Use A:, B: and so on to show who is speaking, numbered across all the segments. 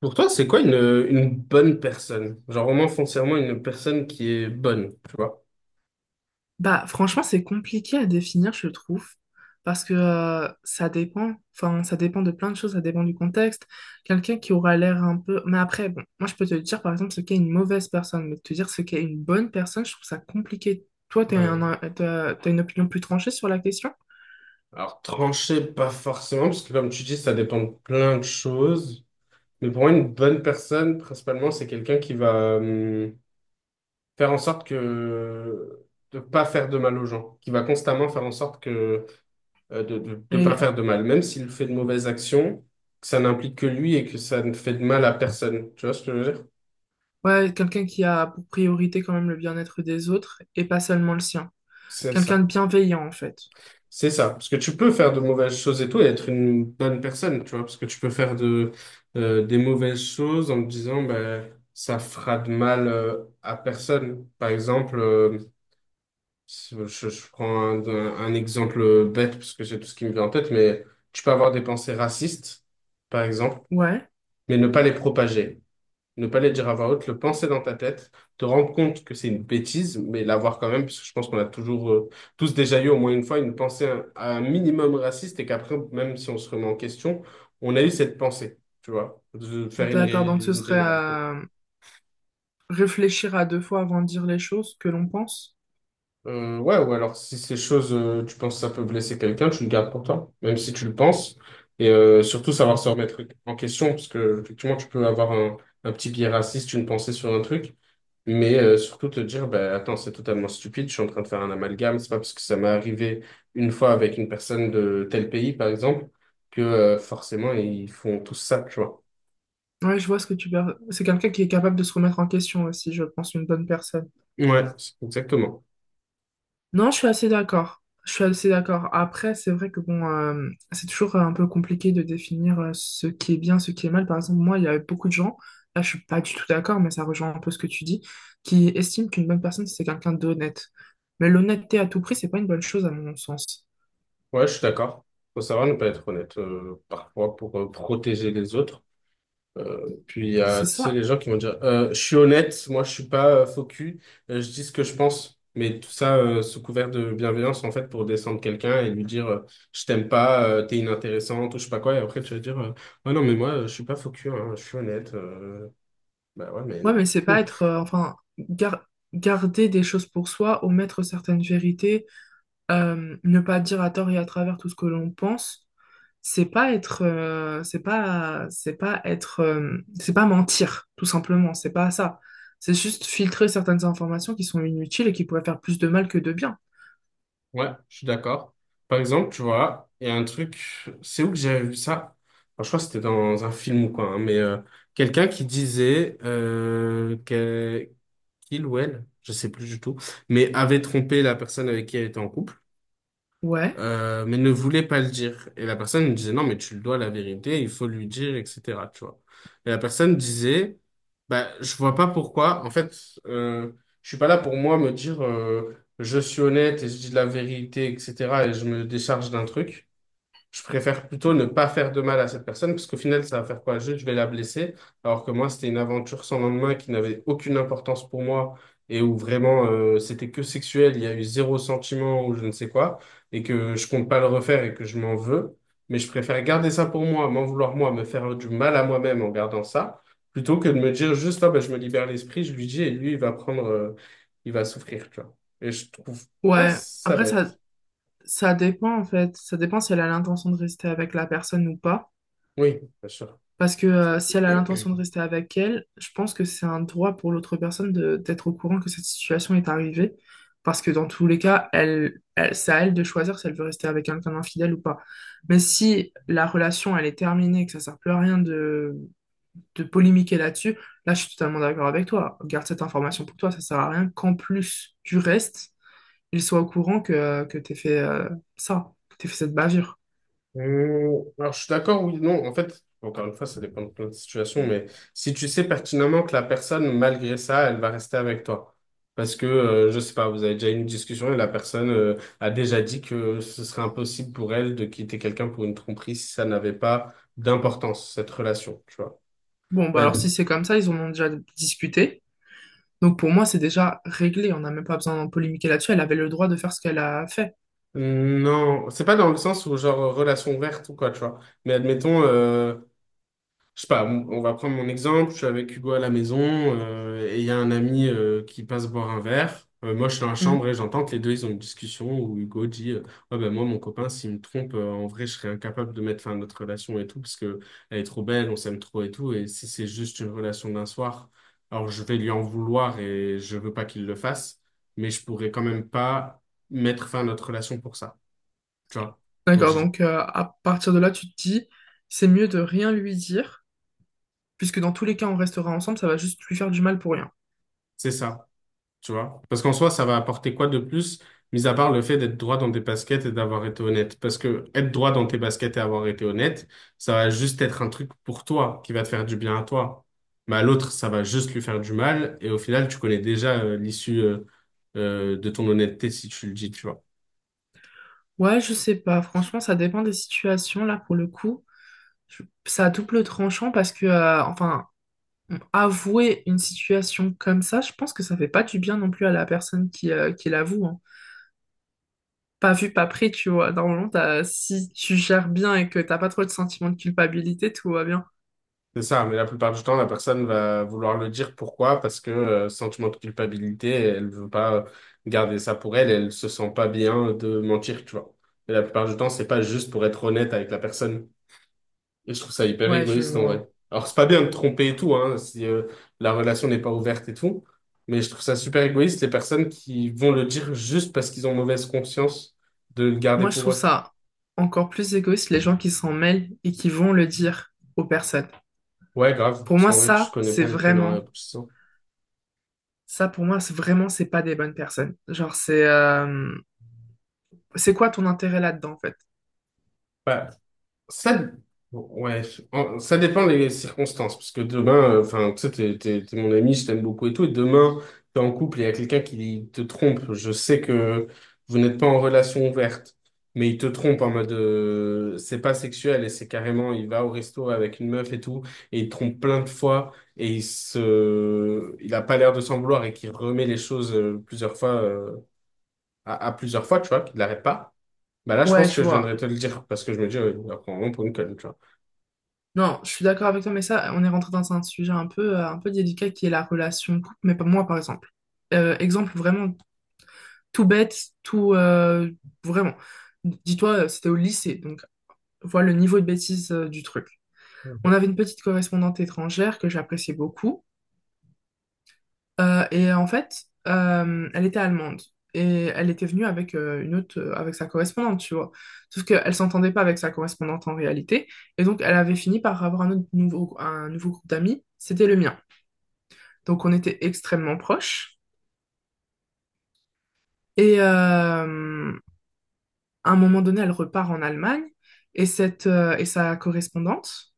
A: Pour toi, c'est quoi une bonne personne? Genre vraiment foncièrement une personne qui est bonne, tu vois?
B: Bah, franchement, c'est compliqué à définir, je trouve, parce que ça dépend, enfin, ça dépend de plein de choses, ça dépend du contexte. Quelqu'un qui aura l'air un peu... Mais après, bon, moi, je peux te dire, par exemple, ce qu'est une mauvaise personne, mais te dire ce qu'est une bonne personne, je trouve ça compliqué. Toi,
A: Euh,
B: t'as une opinion plus tranchée sur la question?
A: alors trancher, pas forcément, parce que comme tu dis, ça dépend de plein de choses. Mais pour moi, une bonne personne, principalement, c'est quelqu'un qui va faire en sorte que de pas faire de mal aux gens, qui va constamment faire en sorte que de pas
B: Mais,
A: faire de mal, même s'il fait de mauvaises actions, que ça n'implique que lui et que ça ne fait de mal à personne. Tu vois ce que je veux dire?
B: ouais, quelqu'un qui a pour priorité quand même le bien-être des autres et pas seulement le sien.
A: C'est
B: Quelqu'un
A: ça.
B: de bienveillant, en fait.
A: C'est ça, parce que tu peux faire de mauvaises choses et tout et être une bonne personne, tu vois, parce que tu peux faire des mauvaises choses en te disant, ben, ça fera de mal à personne. Par exemple, je prends un exemple bête, parce que c'est tout ce qui me vient en tête, mais tu peux avoir des pensées racistes, par exemple,
B: Ouais,
A: mais ne pas les propager, ne pas les dire à voix haute, le penser dans ta tête, te rendre compte que c'est une bêtise, mais l'avoir quand même, parce que je pense qu'on a toujours, tous déjà eu au moins une fois une pensée à un minimum raciste et qu'après, même si on se remet en question, on a eu cette pensée, tu vois, de faire une,
B: d'accord.
A: ré-
B: Donc ce
A: une
B: serait
A: générale.
B: à réfléchir à deux fois avant de dire les choses que l'on pense.
A: Ouais, ou alors si ces choses, tu penses que ça peut blesser quelqu'un, tu le gardes pour toi, même si tu le penses. Et surtout savoir se remettre en question, parce que effectivement, tu peux avoir un petit biais raciste, une pensée sur un truc. Mais surtout te dire, bah, attends, c'est totalement stupide, je suis en train de faire un amalgame, c'est pas parce que ça m'est arrivé une fois avec une personne de tel pays, par exemple, que forcément ils font tous ça, tu vois.
B: Ouais, je vois ce que tu veux. C'est quelqu'un qui est capable de se remettre en question aussi, je pense, une bonne personne.
A: Ouais, c'est- exactement.
B: Non, je suis assez d'accord. Je suis assez d'accord. Après, c'est vrai que bon, c'est toujours un peu compliqué de définir ce qui est bien, ce qui est mal. Par exemple, moi, il y a beaucoup de gens, là, je suis pas du tout d'accord, mais ça rejoint un peu ce que tu dis, qui estiment qu'une bonne personne, c'est quelqu'un d'honnête. Mais l'honnêteté à tout prix, c'est pas une bonne chose à mon sens.
A: Ouais, je suis d'accord. Faut savoir ne pas être honnête, parfois pour protéger les autres. Puis il y a,
B: C'est
A: tu sais, les
B: ça.
A: gens qui vont dire, je suis honnête, moi je suis pas faux cul, je dis ce que je pense. Mais tout ça sous couvert de bienveillance, en fait, pour descendre quelqu'un et lui dire, je t'aime pas, t'es inintéressante, ou je sais pas quoi. Et après, tu vas dire, ouais, non, mais moi, je suis pas faux cul, hein, je suis honnête. Bah ouais, mais
B: Ouais,
A: non.
B: mais c'est pas être, enfin, garder des choses pour soi, omettre certaines vérités, ne pas dire à tort et à travers tout ce que l'on pense, c'est pas c'est pas mentir, tout simplement, c'est pas ça. C'est juste filtrer certaines informations qui sont inutiles et qui pourraient faire plus de mal que de bien.
A: Ouais, je suis d'accord. Par exemple, tu vois, il y a un truc, c'est où que j'avais vu ça? Enfin, je crois que c'était dans un film ou quoi, hein, mais quelqu'un qui disait que- il ou elle, je sais plus du tout, mais avait trompé la personne avec qui elle était en couple,
B: Ouais,
A: mais ne voulait pas le dire. Et la personne lui disait, non, mais tu le dois la vérité, il faut lui dire, etc., tu vois. Et la personne disait, bah, je vois pas pourquoi, en fait, euh, je suis pas là pour moi me dire, je suis honnête et je dis la vérité, etc., et je me décharge d'un truc. Je préfère plutôt ne pas faire de mal à cette personne, parce qu'au final, ça va faire quoi? Juste, je vais la blesser. Alors que moi, c'était une aventure sans lendemain qui n'avait aucune importance pour moi et où vraiment, c'était que sexuel, il y a eu zéro sentiment ou je ne sais quoi, et que je compte pas le refaire et que je m'en veux. Mais je préfère garder ça pour moi, m'en vouloir moi, me faire du mal à moi-même en gardant ça, plutôt que de me dire juste, ah, ben, je me libère l'esprit, je lui dis, et lui, il va prendre, il va souffrir, tu vois. Et je trouve pas
B: ouais.
A: ça
B: Après, ça,
A: bête.
B: ça dépend en fait, ça dépend si elle a l'intention de rester avec la personne ou pas.
A: Oui, bien sûr.
B: Parce que si elle a l'intention de rester avec elle, je pense que c'est un droit pour l'autre personne de d'être au courant que cette situation est arrivée. Parce que dans tous les cas, elle, c'est à elle de choisir si elle veut rester avec quelqu'un d'infidèle ou pas. Mais si la relation, elle est terminée, que ça sert plus à rien de polémiquer là-dessus, là, je suis totalement d'accord avec toi. Garde cette information pour toi, ça sert à rien qu'en plus du reste, ils soient au courant que t'aies fait ça, que t'aies fait cette bavure.
A: Alors, je suis d'accord, oui, non, en fait, encore une fois, ça dépend de plein de situations, mais si tu sais pertinemment que la personne, malgré ça, elle va rester avec toi. Parce que, je sais pas, vous avez déjà eu une discussion et la personne, a déjà dit que ce serait impossible pour elle de quitter quelqu'un pour une tromperie si ça n'avait pas d'importance, cette relation, tu vois.
B: Bon, bah
A: Bah,
B: alors si c'est comme ça, ils en ont déjà discuté. Donc pour moi, c'est déjà réglé. On n'a même pas besoin de polémiquer là-dessus. Elle avait le droit de faire ce qu'elle a fait.
A: non, c'est pas dans le sens où, genre, relation ouverte ou quoi, tu vois. Mais admettons, je sais pas, on va prendre mon exemple. Je suis avec Hugo à la maison et il y a un ami qui passe boire un verre. Moi, je suis dans la
B: Mm.
A: chambre et j'entends que les deux, ils ont une discussion où Hugo dit ouais, ben moi, mon copain, s'il me trompe, en vrai, je serais incapable de mettre fin à notre relation et tout parce que elle est trop belle, on s'aime trop et tout. Et si c'est juste une relation d'un soir, alors je vais lui en vouloir et je veux pas qu'il le fasse, mais je pourrais quand même pas mettre fin à notre relation pour ça. Tu vois? Donc,
B: D'accord,
A: j'ai-
B: donc à partir de là, tu te dis, c'est mieux de rien lui dire, puisque dans tous les cas, on restera ensemble, ça va juste lui faire du mal pour rien.
A: c'est ça. Tu vois. Parce qu'en soi, ça va apporter quoi de plus, mis à part le fait d'être droit dans tes baskets et d'avoir été honnête. Parce que être droit dans tes baskets et avoir été honnête, ça va juste être un truc pour toi, qui va te faire du bien à toi. Mais à l'autre, ça va juste lui faire du mal. Et au final, tu connais déjà l'issue de ton honnêteté si tu le dis, tu vois.
B: Ouais, je sais pas, franchement, ça dépend des situations, là, pour le coup. Ça a double tranchant parce que, enfin, avouer une situation comme ça, je pense que ça fait pas du bien non plus à la personne qui l'avoue, hein. Pas vu, pas pris, tu vois. Normalement, si tu gères bien et que t'as pas trop de sentiment de culpabilité, tout va bien.
A: C'est ça, mais la plupart du temps, la personne va vouloir le dire. Pourquoi? Parce que sentiment de culpabilité, elle veut pas garder ça pour elle, elle se sent pas bien de mentir, tu vois. Et la plupart du temps, c'est pas juste pour être honnête avec la personne. Et je trouve ça hyper
B: Ouais, je
A: égoïste en
B: vois.
A: vrai. Alors, c'est pas bien de tromper et tout, hein, si la relation n'est pas ouverte et tout, mais je trouve ça super égoïste les personnes qui vont le dire juste parce qu'ils ont mauvaise conscience de le garder
B: Moi, je
A: pour
B: trouve
A: eux.
B: ça encore plus égoïste, les gens qui s'en mêlent et qui vont le dire aux personnes.
A: Ouais, grave,
B: Pour
A: parce
B: moi,
A: qu'en vrai, je
B: ça,
A: connais
B: c'est
A: pas les tenants et
B: vraiment,
A: aboutissants.
B: ça, pour moi, c'est vraiment, c'est pas des bonnes personnes. Genre, c'est quoi ton intérêt là-dedans, en fait?
A: Bah, Ça, ouais, ça dépend des circonstances, parce que demain, enfin, tu sais, t'es mon ami, je t'aime beaucoup et tout, et demain, t'es en couple et il y a quelqu'un qui te trompe. Je sais que vous n'êtes pas en relation ouverte, mais il te trompe en mode, c'est pas sexuel et c'est carrément, il va au resto avec une meuf et tout, et il te trompe plein de fois et il a pas l'air de s'en vouloir et qu'il remet les choses à plusieurs fois, tu vois, qu'il l'arrête pas. Bah là, je
B: Ouais,
A: pense
B: je
A: que je
B: vois.
A: viendrais te le dire parce que je me dis, il va prendre un nom pour une conne, tu vois.
B: Non, je suis d'accord avec toi, mais ça, on est rentré dans un sujet un peu délicat qui est la relation de couple, mais pas moi, par exemple. Exemple vraiment tout bête, tout vraiment. Dis-toi, c'était au lycée, donc vois le niveau de bêtise du truc. On avait une petite correspondante étrangère que j'appréciais beaucoup, et en fait, elle était allemande. Et elle était venue avec avec sa correspondante, tu vois. Sauf qu'elle s'entendait pas avec sa correspondante en réalité. Et donc, elle avait fini par avoir un nouveau groupe d'amis. C'était le mien. Donc, on était extrêmement proches. Et, euh, À un moment donné, elle repart en Allemagne et sa correspondante,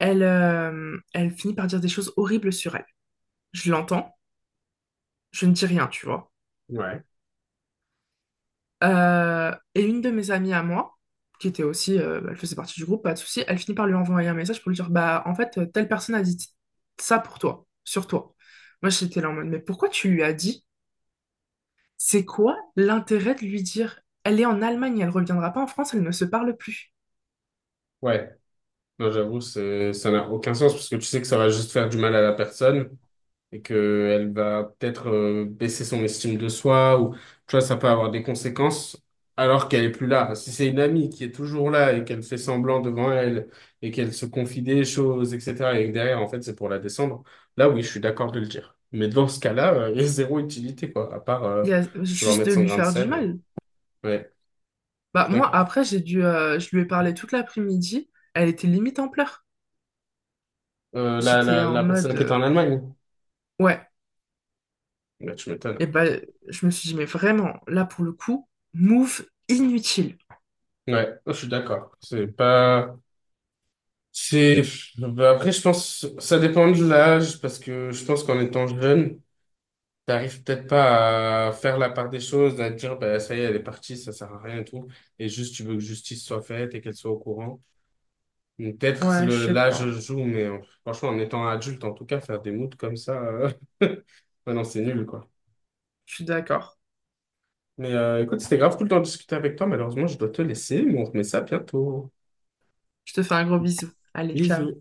B: elle finit par dire des choses horribles sur elle. Je l'entends, je ne dis rien, tu vois.
A: Ouais,
B: Et une de mes amies à moi, qui était aussi, elle faisait partie du groupe, pas de souci, elle finit par lui envoyer un message pour lui dire, bah, en fait, telle personne a dit ça pour toi, sur toi. Moi, j'étais là en mode, mais pourquoi tu lui as dit? C'est quoi l'intérêt de lui dire, elle est en Allemagne, elle reviendra pas en France, elle ne se parle plus.
A: ouais. Non, j'avoue, c'est, ça n'a aucun sens parce que tu sais que ça va juste faire du mal à la personne et que elle va peut-être baisser son estime de soi ou, tu vois, ça peut avoir des conséquences alors qu'elle est plus là. Si c'est une amie qui est toujours là et qu'elle fait semblant devant elle et qu'elle se confie des choses, etc., et que derrière, en fait, c'est pour la descendre, là, oui, je suis d'accord de le dire. Mais dans ce cas-là, il y a zéro utilité, quoi, à part
B: Il y a
A: vouloir
B: juste
A: mettre
B: de
A: son
B: lui
A: grain de
B: faire du
A: sel.
B: mal.
A: Ouais, je
B: Bah
A: suis
B: moi
A: d'accord.
B: après j'ai dû je lui ai parlé toute l'après-midi, elle était limite en pleurs.
A: Euh, la,
B: J'étais
A: la,
B: en
A: la personne
B: mode
A: qui est en Allemagne,
B: ouais,
A: bah, tu m'étonnes.
B: et ben je me suis dit mais vraiment là pour le coup, move inutile.
A: Ouais, oh, je suis d'accord. C'est pas, c'est, Bah, après, je pense, ça dépend de l'âge, parce que je pense qu'en étant jeune, t'arrives peut-être pas à faire la part des choses, à te dire, bah, ça y est, elle est partie, ça sert à rien et tout. Et juste, tu veux que justice soit faite et qu'elle soit au courant. Donc, peut-être
B: Ouais, je sais
A: l'âge
B: pas.
A: joue, mais franchement, en étant adulte, en tout cas, faire des moods comme ça, ouais, non, c'est nul, quoi.
B: Je suis d'accord.
A: Mais écoute, c'était grave cool de discuter avec toi. Malheureusement, je dois te laisser, mais on remet ça bientôt.
B: Je te fais un gros bisou. Allez, ciao.
A: Bisous.